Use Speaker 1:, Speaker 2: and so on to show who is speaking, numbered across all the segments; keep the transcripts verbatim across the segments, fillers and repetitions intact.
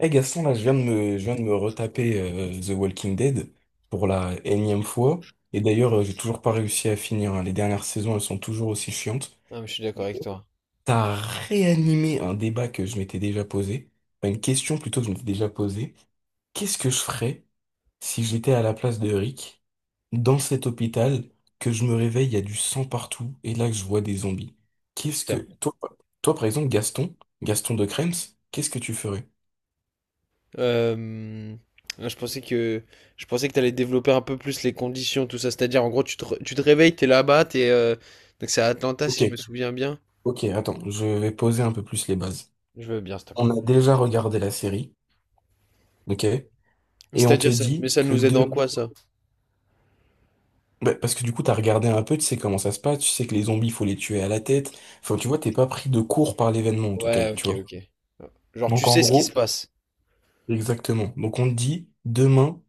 Speaker 1: Eh Gaston, là, je viens de me, je viens de me retaper euh, The Walking Dead pour la énième fois. Et d'ailleurs, euh, j'ai toujours pas réussi à finir, hein. Les dernières saisons, elles sont toujours aussi chiantes.
Speaker 2: Non, mais je suis d'accord avec toi.
Speaker 1: T'as réanimé un débat que je m'étais déjà posé. Enfin, une question plutôt que je m'étais déjà posée. Qu'est-ce que je ferais si j'étais à la place de Rick dans cet hôpital, que je me réveille, il y a du sang partout et là que je vois des zombies? Qu'est-ce que...
Speaker 2: Putain.
Speaker 1: Toi, toi, par exemple, Gaston, Gaston de Krems, qu'est-ce que tu ferais?
Speaker 2: Euh, Là, je pensais que je pensais que t'allais développer un peu plus les conditions, tout ça. C'est-à-dire, en gros, tu te, re- tu te réveilles, t'es là-bas, t'es euh, donc c'est à Atlanta,
Speaker 1: Ok,
Speaker 2: si je me souviens bien.
Speaker 1: Ok, attends, je vais poser un peu plus les bases.
Speaker 2: Je veux bien, s'il te
Speaker 1: On
Speaker 2: plaît.
Speaker 1: a déjà regardé la série, ok? Et on te
Speaker 2: C'est-à-dire ça, mais
Speaker 1: dit
Speaker 2: ça
Speaker 1: que
Speaker 2: nous aide en
Speaker 1: demain...
Speaker 2: quoi ça?
Speaker 1: Bah, parce que du coup, t'as regardé un peu, tu sais comment ça se passe, tu sais que les zombies, faut les tuer à la tête. Enfin, tu vois, t'es pas pris de court par l'événement, en tout cas,
Speaker 2: Ouais,
Speaker 1: tu
Speaker 2: ok,
Speaker 1: vois.
Speaker 2: ok. Genre, tu
Speaker 1: Donc, en
Speaker 2: sais ce qui se
Speaker 1: gros,
Speaker 2: passe.
Speaker 1: exactement. Donc, on te dit, demain,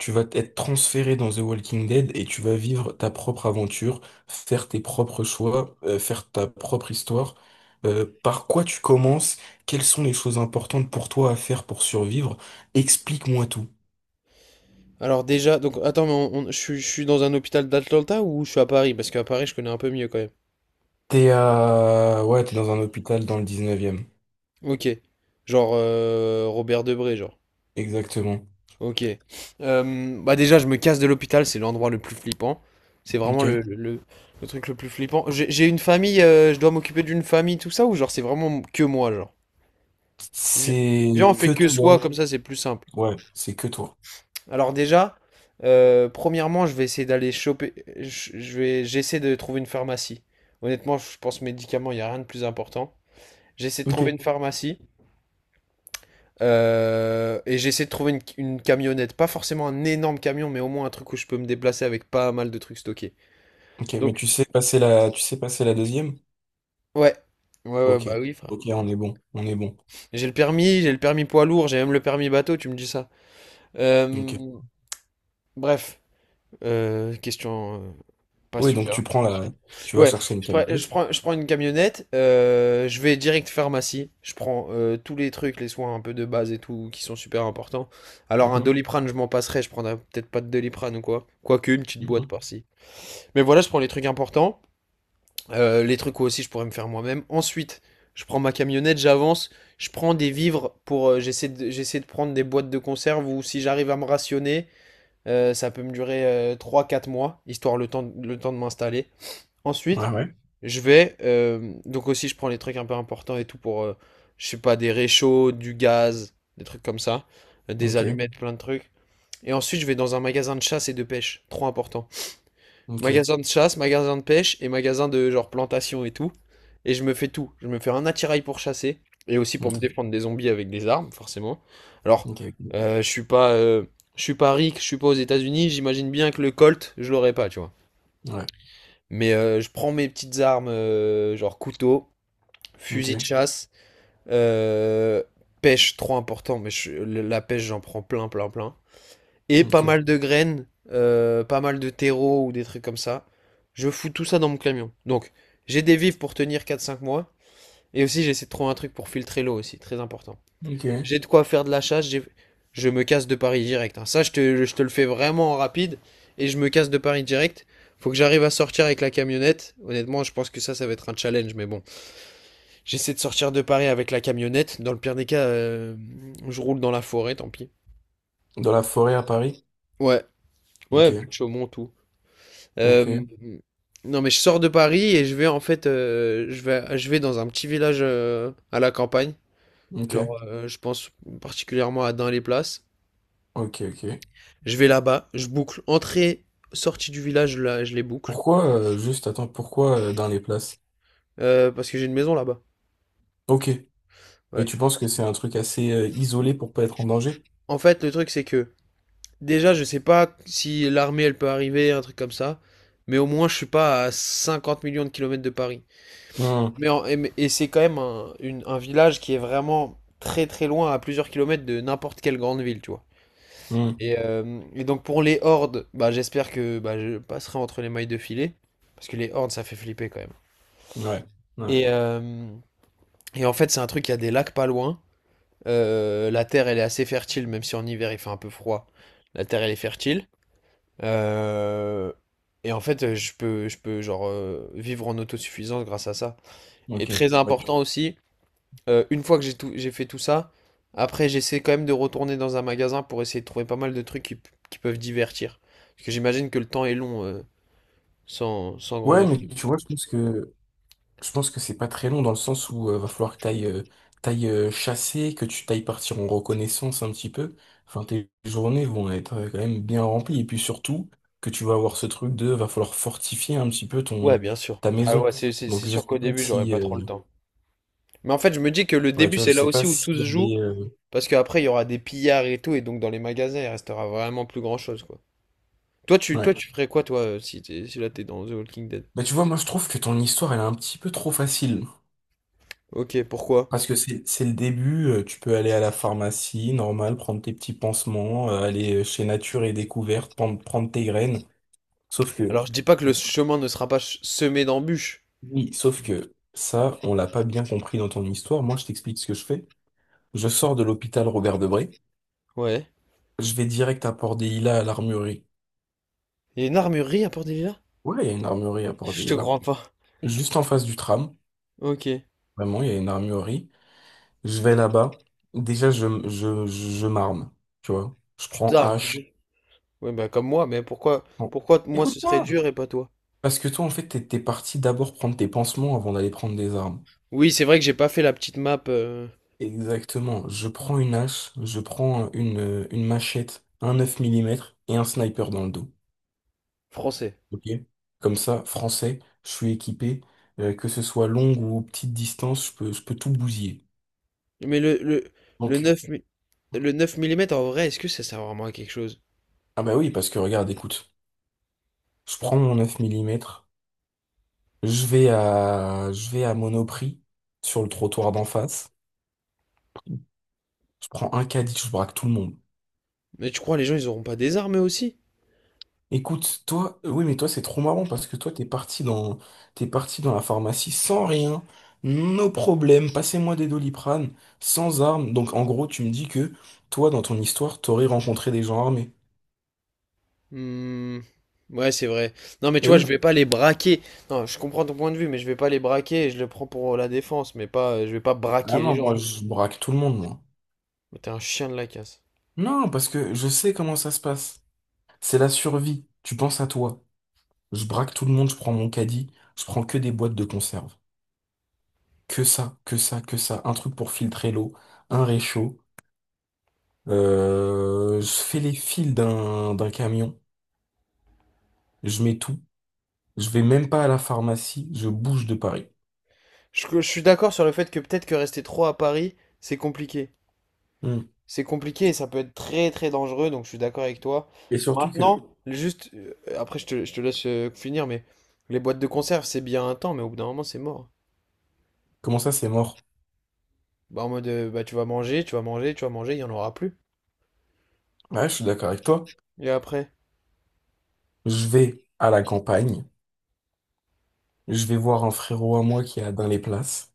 Speaker 1: tu vas être transféré dans The Walking Dead et tu vas vivre ta propre aventure, faire tes propres choix, euh, faire ta propre histoire. Euh, par quoi tu commences? Quelles sont les choses importantes pour toi à faire pour survivre? Explique-moi tout.
Speaker 2: Alors déjà, donc attends, mais on- on- je suis je suis dans un hôpital d'Atlanta ou je suis à Paris? Parce qu'à Paris, je connais un peu mieux quand même.
Speaker 1: T'es à... Ouais, t'es dans un hôpital dans le dix-neuvième.
Speaker 2: Ok. Genre euh, Robert Debré, genre.
Speaker 1: Exactement.
Speaker 2: Ok. Euh, bah déjà, je me casse de l'hôpital, c'est l'endroit le plus flippant. C'est vraiment le,
Speaker 1: Ok.
Speaker 2: le, le- le truc le plus flippant. J'ai j'ai une famille, euh, je dois m'occuper d'une famille, tout ça, ou genre c'est vraiment que moi, genre. Vi- Viens,
Speaker 1: C'est
Speaker 2: on
Speaker 1: que
Speaker 2: fait que soi,
Speaker 1: toi.
Speaker 2: comme ça c'est plus simple.
Speaker 1: Ouais, c'est que toi.
Speaker 2: Alors déjà, euh, premièrement, je vais essayer d'aller choper, je je vais, j'essaie de trouver une pharmacie. Honnêtement, je pense médicaments, il n'y a rien de plus important. J'essaie de trouver
Speaker 1: Ok.
Speaker 2: une pharmacie. Euh, et j'ai essayé de trouver une, une camionnette, pas forcément un énorme camion, mais au moins un truc où je peux me déplacer avec pas mal de trucs stockés.
Speaker 1: Ok, mais
Speaker 2: Donc,
Speaker 1: tu sais passer la... Tu sais passer la deuxième?
Speaker 2: ouais. Ouais, ouais,
Speaker 1: Ok.
Speaker 2: bah oui, frère.
Speaker 1: Ok, on est bon. On est bon.
Speaker 2: J'ai le permis, j'ai le permis poids lourd, j'ai même le permis bateau, tu me dis ça. Euh,
Speaker 1: Ok.
Speaker 2: Bref, euh, question euh, pas
Speaker 1: Oui, donc tu
Speaker 2: super.
Speaker 1: prends la, tu vas
Speaker 2: Ouais,
Speaker 1: chercher une
Speaker 2: je, prends, je
Speaker 1: camionnette.
Speaker 2: prends- je prends une camionnette, euh, je vais direct pharmacie, je prends euh, tous les trucs, les soins un peu de base et tout, qui sont super importants. Alors un
Speaker 1: Mhm,
Speaker 2: Doliprane, je m'en passerai, je prendrai peut-être pas de Doliprane ou quoi. Quoique une petite boîte
Speaker 1: mhm.
Speaker 2: par-ci. Mais voilà, je prends les trucs importants, euh, les trucs où aussi je pourrais me faire moi-même. Ensuite, je prends ma camionnette, j'avance, je prends des vivres pour. Euh, j'essaie de, j'essaie de prendre des boîtes de conserve ou si j'arrive à me rationner, euh, ça peut me durer euh, trois quatre mois, histoire le temps, le temps de m'installer.
Speaker 1: Ouais,
Speaker 2: Ensuite,
Speaker 1: ouais.
Speaker 2: je vais. Euh, donc aussi, je prends les trucs un peu importants et tout pour. Euh, je sais pas, des réchauds, du gaz, des trucs comme ça, euh, des
Speaker 1: Ok,
Speaker 2: allumettes, plein de trucs. Et ensuite, je vais dans un magasin de chasse et de pêche, trop important.
Speaker 1: ok,
Speaker 2: Magasin de chasse, magasin de pêche et magasin de genre plantation et tout. Et je me fais tout. Je me fais un attirail pour chasser et aussi pour me
Speaker 1: ok,
Speaker 2: défendre des zombies avec des armes, forcément. Alors,
Speaker 1: ok.
Speaker 2: euh, je suis pas, euh, je suis pas ric, je suis pas aux États-Unis. J'imagine bien que le Colt, je l'aurais pas, tu vois.
Speaker 1: Ouais,
Speaker 2: Mais euh, je prends mes petites armes, euh, genre couteau,
Speaker 1: ok,
Speaker 2: fusil de chasse, euh, pêche, trop important. Mais je- la pêche, j'en prends plein, plein, plein et pas
Speaker 1: ok,
Speaker 2: mal de graines, euh, pas mal de terreau ou des trucs comme ça. Je fous tout ça dans mon camion. Donc, j'ai des vivres pour tenir quatre cinq mois. Et aussi, j'essaie de trouver un truc pour filtrer l'eau aussi, très important.
Speaker 1: ok.
Speaker 2: J'ai de quoi faire de la chasse, j'ai- je me casse de Paris direct, hein. Ça, je te, je te le fais vraiment en rapide. Et je me casse de Paris direct. Faut que j'arrive à sortir avec la camionnette. Honnêtement, je pense que ça, ça va être un challenge. Mais bon, j'essaie de sortir de Paris avec la camionnette. Dans le pire des cas, euh, je roule dans la forêt, tant pis.
Speaker 1: Dans la forêt à Paris?
Speaker 2: Ouais,
Speaker 1: Ok,
Speaker 2: ouais, plus de Chaumont, tout. Euh,
Speaker 1: ok,
Speaker 2: non, mais je sors de Paris et je vais en fait, euh, je vais, je vais dans un petit village euh, à la campagne.
Speaker 1: ok,
Speaker 2: Genre, euh, je pense particulièrement à Dain-les-Places.
Speaker 1: ok, ok.
Speaker 2: Je vais là-bas, je boucle entrée, sortie du village, là, je les boucle.
Speaker 1: Pourquoi, euh, juste, attends, pourquoi euh, dans les places?
Speaker 2: Euh, parce que j'ai une maison là-bas.
Speaker 1: Ok. Et
Speaker 2: Ouais.
Speaker 1: tu penses que c'est un truc assez euh, isolé pour pas être en danger?
Speaker 2: En fait, le truc c'est que déjà, je sais pas si l'armée elle peut arriver, un truc comme ça, mais au moins je suis pas à cinquante millions de kilomètres de Paris.
Speaker 1: Hmm,
Speaker 2: Mais en- et mais- et c'est quand même un, une- un village qui est vraiment très très loin, à plusieurs kilomètres de n'importe quelle grande ville, tu vois.
Speaker 1: hmm.
Speaker 2: Et, euh, et donc pour les hordes, bah, j'espère que bah, je passerai entre les mailles de filet, parce que les hordes, ça fait flipper quand même.
Speaker 1: Ouais, ouais,
Speaker 2: Et, euh, et en fait, c'est un truc, il y a des lacs pas loin. Euh, la terre, elle est assez fertile, même si en hiver, il fait un peu froid. La terre, elle est fertile. Euh, et en fait, je peux, je peux genre, euh, vivre en autosuffisance grâce à ça. Et
Speaker 1: ok.
Speaker 2: très
Speaker 1: Ouais,
Speaker 2: important aussi, Euh, une fois que j'ai tout, j'ai fait tout ça, après j'essaie quand même de retourner dans un magasin pour essayer de trouver pas mal de trucs qui, qui peuvent divertir. Parce que j'imagine que le temps est long euh, sans, sans grands
Speaker 1: ouais,
Speaker 2: autres.
Speaker 1: mais tu vois, je pense que je pense que c'est pas très long dans le sens où euh, va falloir que t'ailles euh, t'ailles euh, chasser, que tu t'ailles partir en reconnaissance un petit peu. Enfin, tes journées vont être euh, quand même bien remplies. Et puis surtout, que tu vas avoir ce truc de va falloir fortifier un petit peu
Speaker 2: Ouais,
Speaker 1: ton
Speaker 2: bien sûr.
Speaker 1: ta
Speaker 2: Ah
Speaker 1: maison.
Speaker 2: ouais, c'est c'est- c'est
Speaker 1: Donc je
Speaker 2: sûr
Speaker 1: sais
Speaker 2: qu'au
Speaker 1: pas
Speaker 2: début j'aurais
Speaker 1: si
Speaker 2: pas
Speaker 1: euh,
Speaker 2: trop le temps. Mais en fait, je me dis que le
Speaker 1: ouais,
Speaker 2: début
Speaker 1: tu vois, je
Speaker 2: c'est là
Speaker 1: sais pas
Speaker 2: aussi où
Speaker 1: si
Speaker 2: tout se
Speaker 1: elle
Speaker 2: joue,
Speaker 1: est euh,
Speaker 2: parce qu'après il y aura des pillards et tout, et donc dans les magasins il restera vraiment plus grand-chose quoi. Toi tu, toi,
Speaker 1: ouais.
Speaker 2: tu ferais quoi toi euh, si, t'es- si là t'es dans The Walking Dead?
Speaker 1: Bah tu vois, moi je trouve que ton histoire elle est un petit peu trop facile.
Speaker 2: Ok, pourquoi?
Speaker 1: Parce que c'est c'est le début, euh, tu peux aller à la pharmacie, normal, prendre tes petits pansements, euh, aller euh, chez Nature et Découverte, prendre, prendre tes graines. Sauf que,
Speaker 2: Alors je dis pas que le chemin ne sera pas ch- semé d'embûches.
Speaker 1: oui, sauf que ça, on l'a pas bien compris dans ton histoire. Moi, je t'explique ce que je fais. Je sors de l'hôpital Robert Debré.
Speaker 2: Ouais.
Speaker 1: Je vais direct à Port-Dehila à l'armurerie.
Speaker 2: Il y a une armurerie à Port-Delilah?
Speaker 1: Ouais, il y a une armurerie à
Speaker 2: Je te
Speaker 1: Port-Dehila.
Speaker 2: crois pas.
Speaker 1: Juste en face du tram.
Speaker 2: Ok. Tu...
Speaker 1: Vraiment, il y a une armurerie. Je vais là-bas. Déjà, je, je, je, je m'arme. Tu vois? Je
Speaker 2: Ah,
Speaker 1: prends
Speaker 2: t'armes. Comme
Speaker 1: hache.
Speaker 2: je- Ouais, bah comme moi, mais pourquoi,
Speaker 1: Bon.
Speaker 2: pourquoi t- moi ce serait
Speaker 1: Écoute-moi!
Speaker 2: dur et pas toi?
Speaker 1: Parce que toi, en fait, t'es t'es parti d'abord prendre tes pansements avant d'aller prendre des armes.
Speaker 2: Oui, c'est vrai que j'ai pas fait la petite map euh,
Speaker 1: Exactement. Je prends une hache, je prends une, euh, une machette, un neuf millimètres et un sniper dans le dos.
Speaker 2: français.
Speaker 1: Ok? Comme ça, français, je suis équipé, euh, que ce soit longue ou petite distance, je peux, je peux tout bousiller.
Speaker 2: Mais le, le, le
Speaker 1: Donc,
Speaker 2: neuf mi- le neuf millimètres en vrai, est-ce que ça sert vraiment à quelque chose?
Speaker 1: ah bah oui, parce que regarde, écoute, je prends mon neuf millimètres, je vais à, je vais à Monoprix, sur le trottoir d'en face, je prends un caddie, je braque tout le monde.
Speaker 2: Mais tu crois les gens ils auront pas des armes eux aussi?
Speaker 1: Écoute, toi, euh, oui, mais toi, c'est trop marrant parce que toi, t'es parti dans, t'es parti dans la pharmacie sans rien, nos problèmes, passez-moi des Doliprane, sans armes. Donc, en gros, tu me dis que toi, dans ton histoire, t'aurais rencontré des gens armés.
Speaker 2: Hmm, ouais, c'est vrai. Non, mais tu
Speaker 1: Eh
Speaker 2: vois,
Speaker 1: oui.
Speaker 2: je vais pas les braquer. Non, je comprends ton point de vue, mais je vais pas les braquer et je le prends pour la défense, mais pas, je vais pas
Speaker 1: Ah
Speaker 2: braquer les
Speaker 1: non,
Speaker 2: gens. tu
Speaker 1: moi,
Speaker 2: vois.
Speaker 1: je braque tout le monde, moi.
Speaker 2: Mais T'es un chien de la casse.
Speaker 1: Non, parce que je sais comment ça se passe. C'est la survie. Tu penses à toi. Je braque tout le monde, je prends mon caddie, je prends que des boîtes de conserve. Que ça, que ça, que ça. Un truc pour filtrer l'eau, un réchaud. Euh, je fais les fils d'un d'un camion. Je mets tout. Je vais même pas à la pharmacie. Je bouge de Paris.
Speaker 2: Je, je suis d'accord sur le fait que peut-être que rester trop à Paris, c'est compliqué.
Speaker 1: Hmm.
Speaker 2: C'est compliqué et ça peut être très très dangereux, donc je suis d'accord avec toi.
Speaker 1: Et surtout que,
Speaker 2: Maintenant, juste, euh, après je te, je te laisse euh, finir, mais les boîtes de conserve, c'est bien un temps, mais au bout d'un moment, c'est mort.
Speaker 1: comment ça, c'est mort?
Speaker 2: Bah, en mode, euh, bah, tu vas manger, tu vas manger, tu vas manger, il n'y en aura plus.
Speaker 1: Ouais, je suis d'accord avec toi.
Speaker 2: Et après,
Speaker 1: Je vais à la campagne. Je vais voir un frérot à moi qui a dans les places.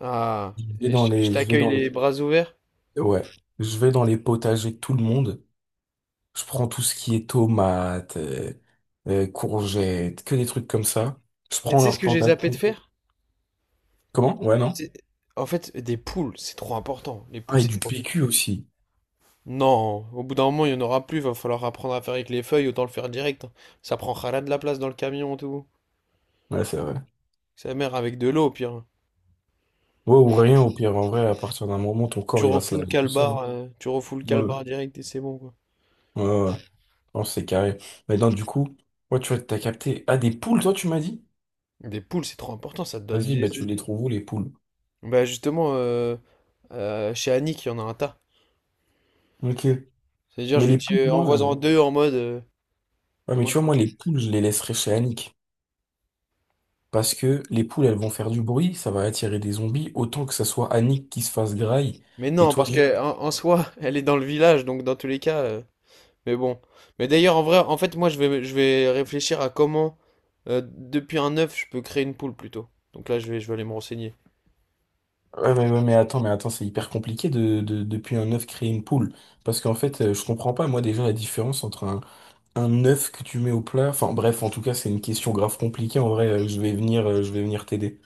Speaker 2: ah,
Speaker 1: Je vais
Speaker 2: et
Speaker 1: dans
Speaker 2: je, je
Speaker 1: les, je vais
Speaker 2: t'accueille
Speaker 1: dans
Speaker 2: les bras ouverts.
Speaker 1: les, ouais, je vais dans les potagers de tout le monde. Je prends tout ce qui est tomates, euh, euh, courgettes, que des trucs comme ça. Je
Speaker 2: Et
Speaker 1: prends
Speaker 2: tu sais ce
Speaker 1: leurs
Speaker 2: que j'ai zappé de
Speaker 1: plantations.
Speaker 2: faire?
Speaker 1: Comment? Ouais, non?
Speaker 2: C'est- En fait, des poules, c'est trop important. Les poules,
Speaker 1: Ah, et
Speaker 2: c'est
Speaker 1: du
Speaker 2: trop...
Speaker 1: P Q aussi.
Speaker 2: Non, au bout d'un moment, il n'y en aura plus, va falloir apprendre à faire avec les feuilles, autant le faire direct. Ça prendra de la place dans le camion, tout.
Speaker 1: Ouais, c'est vrai.
Speaker 2: Sa mère avec de l'eau, au pire.
Speaker 1: Ouais, ou rien, au pire, en vrai, à partir d'un moment, ton
Speaker 2: Tu
Speaker 1: corps, il va se
Speaker 2: refoules le
Speaker 1: laver tout seul,
Speaker 2: calbar,
Speaker 1: hein.
Speaker 2: euh, tu refoules le
Speaker 1: Ouais,
Speaker 2: calbar direct et c'est bon, quoi.
Speaker 1: ouais, ouais, ouais. Non, c'est carré. Mais non, du coup, ouais, tu vois, t'as capté. Ah, des poules, toi, tu m'as dit?
Speaker 2: Des poules, c'est trop important, ça te donne
Speaker 1: Vas-y, bah,
Speaker 2: des œufs.
Speaker 1: tu les trouves où, les poules?
Speaker 2: Bah justement, euh, euh, chez Annick, il y en a un tas.
Speaker 1: Ok.
Speaker 2: C'est-à-dire,
Speaker 1: Mais
Speaker 2: je lui
Speaker 1: les
Speaker 2: dis,
Speaker 1: poules,
Speaker 2: euh,
Speaker 1: moi, euh,
Speaker 2: envoie-en deux en mode... euh,
Speaker 1: ouais, mais
Speaker 2: Moi,
Speaker 1: tu
Speaker 2: je
Speaker 1: vois,
Speaker 2: m'en
Speaker 1: moi, les
Speaker 2: fiche.
Speaker 1: poules, je les laisserai chez Annick. Parce que les poules, elles vont faire du bruit, ça va attirer des zombies, autant que ça soit Annick qui se fasse graille.
Speaker 2: Mais
Speaker 1: Et
Speaker 2: non,
Speaker 1: toi,
Speaker 2: parce
Speaker 1: juste-
Speaker 2: que en, en soi, elle est dans le village, donc dans tous les cas, euh, Mais bon. Mais d'ailleurs, en vrai, en fait, moi, je vais, je vais réfléchir à comment, euh, depuis un œuf, je peux créer une poule plutôt. Donc là, je vais, je vais aller me renseigner.
Speaker 1: ouais, mais, mais, mais attends, mais attends, c'est hyper compliqué de, de, depuis un œuf créer une poule. Parce qu'en fait, euh, je comprends pas, moi, déjà, la différence entre un Un œuf que tu mets au plat? Enfin bref, en tout cas, c'est une question grave compliquée. En vrai, euh, je vais venir, euh, je vais venir t'aider.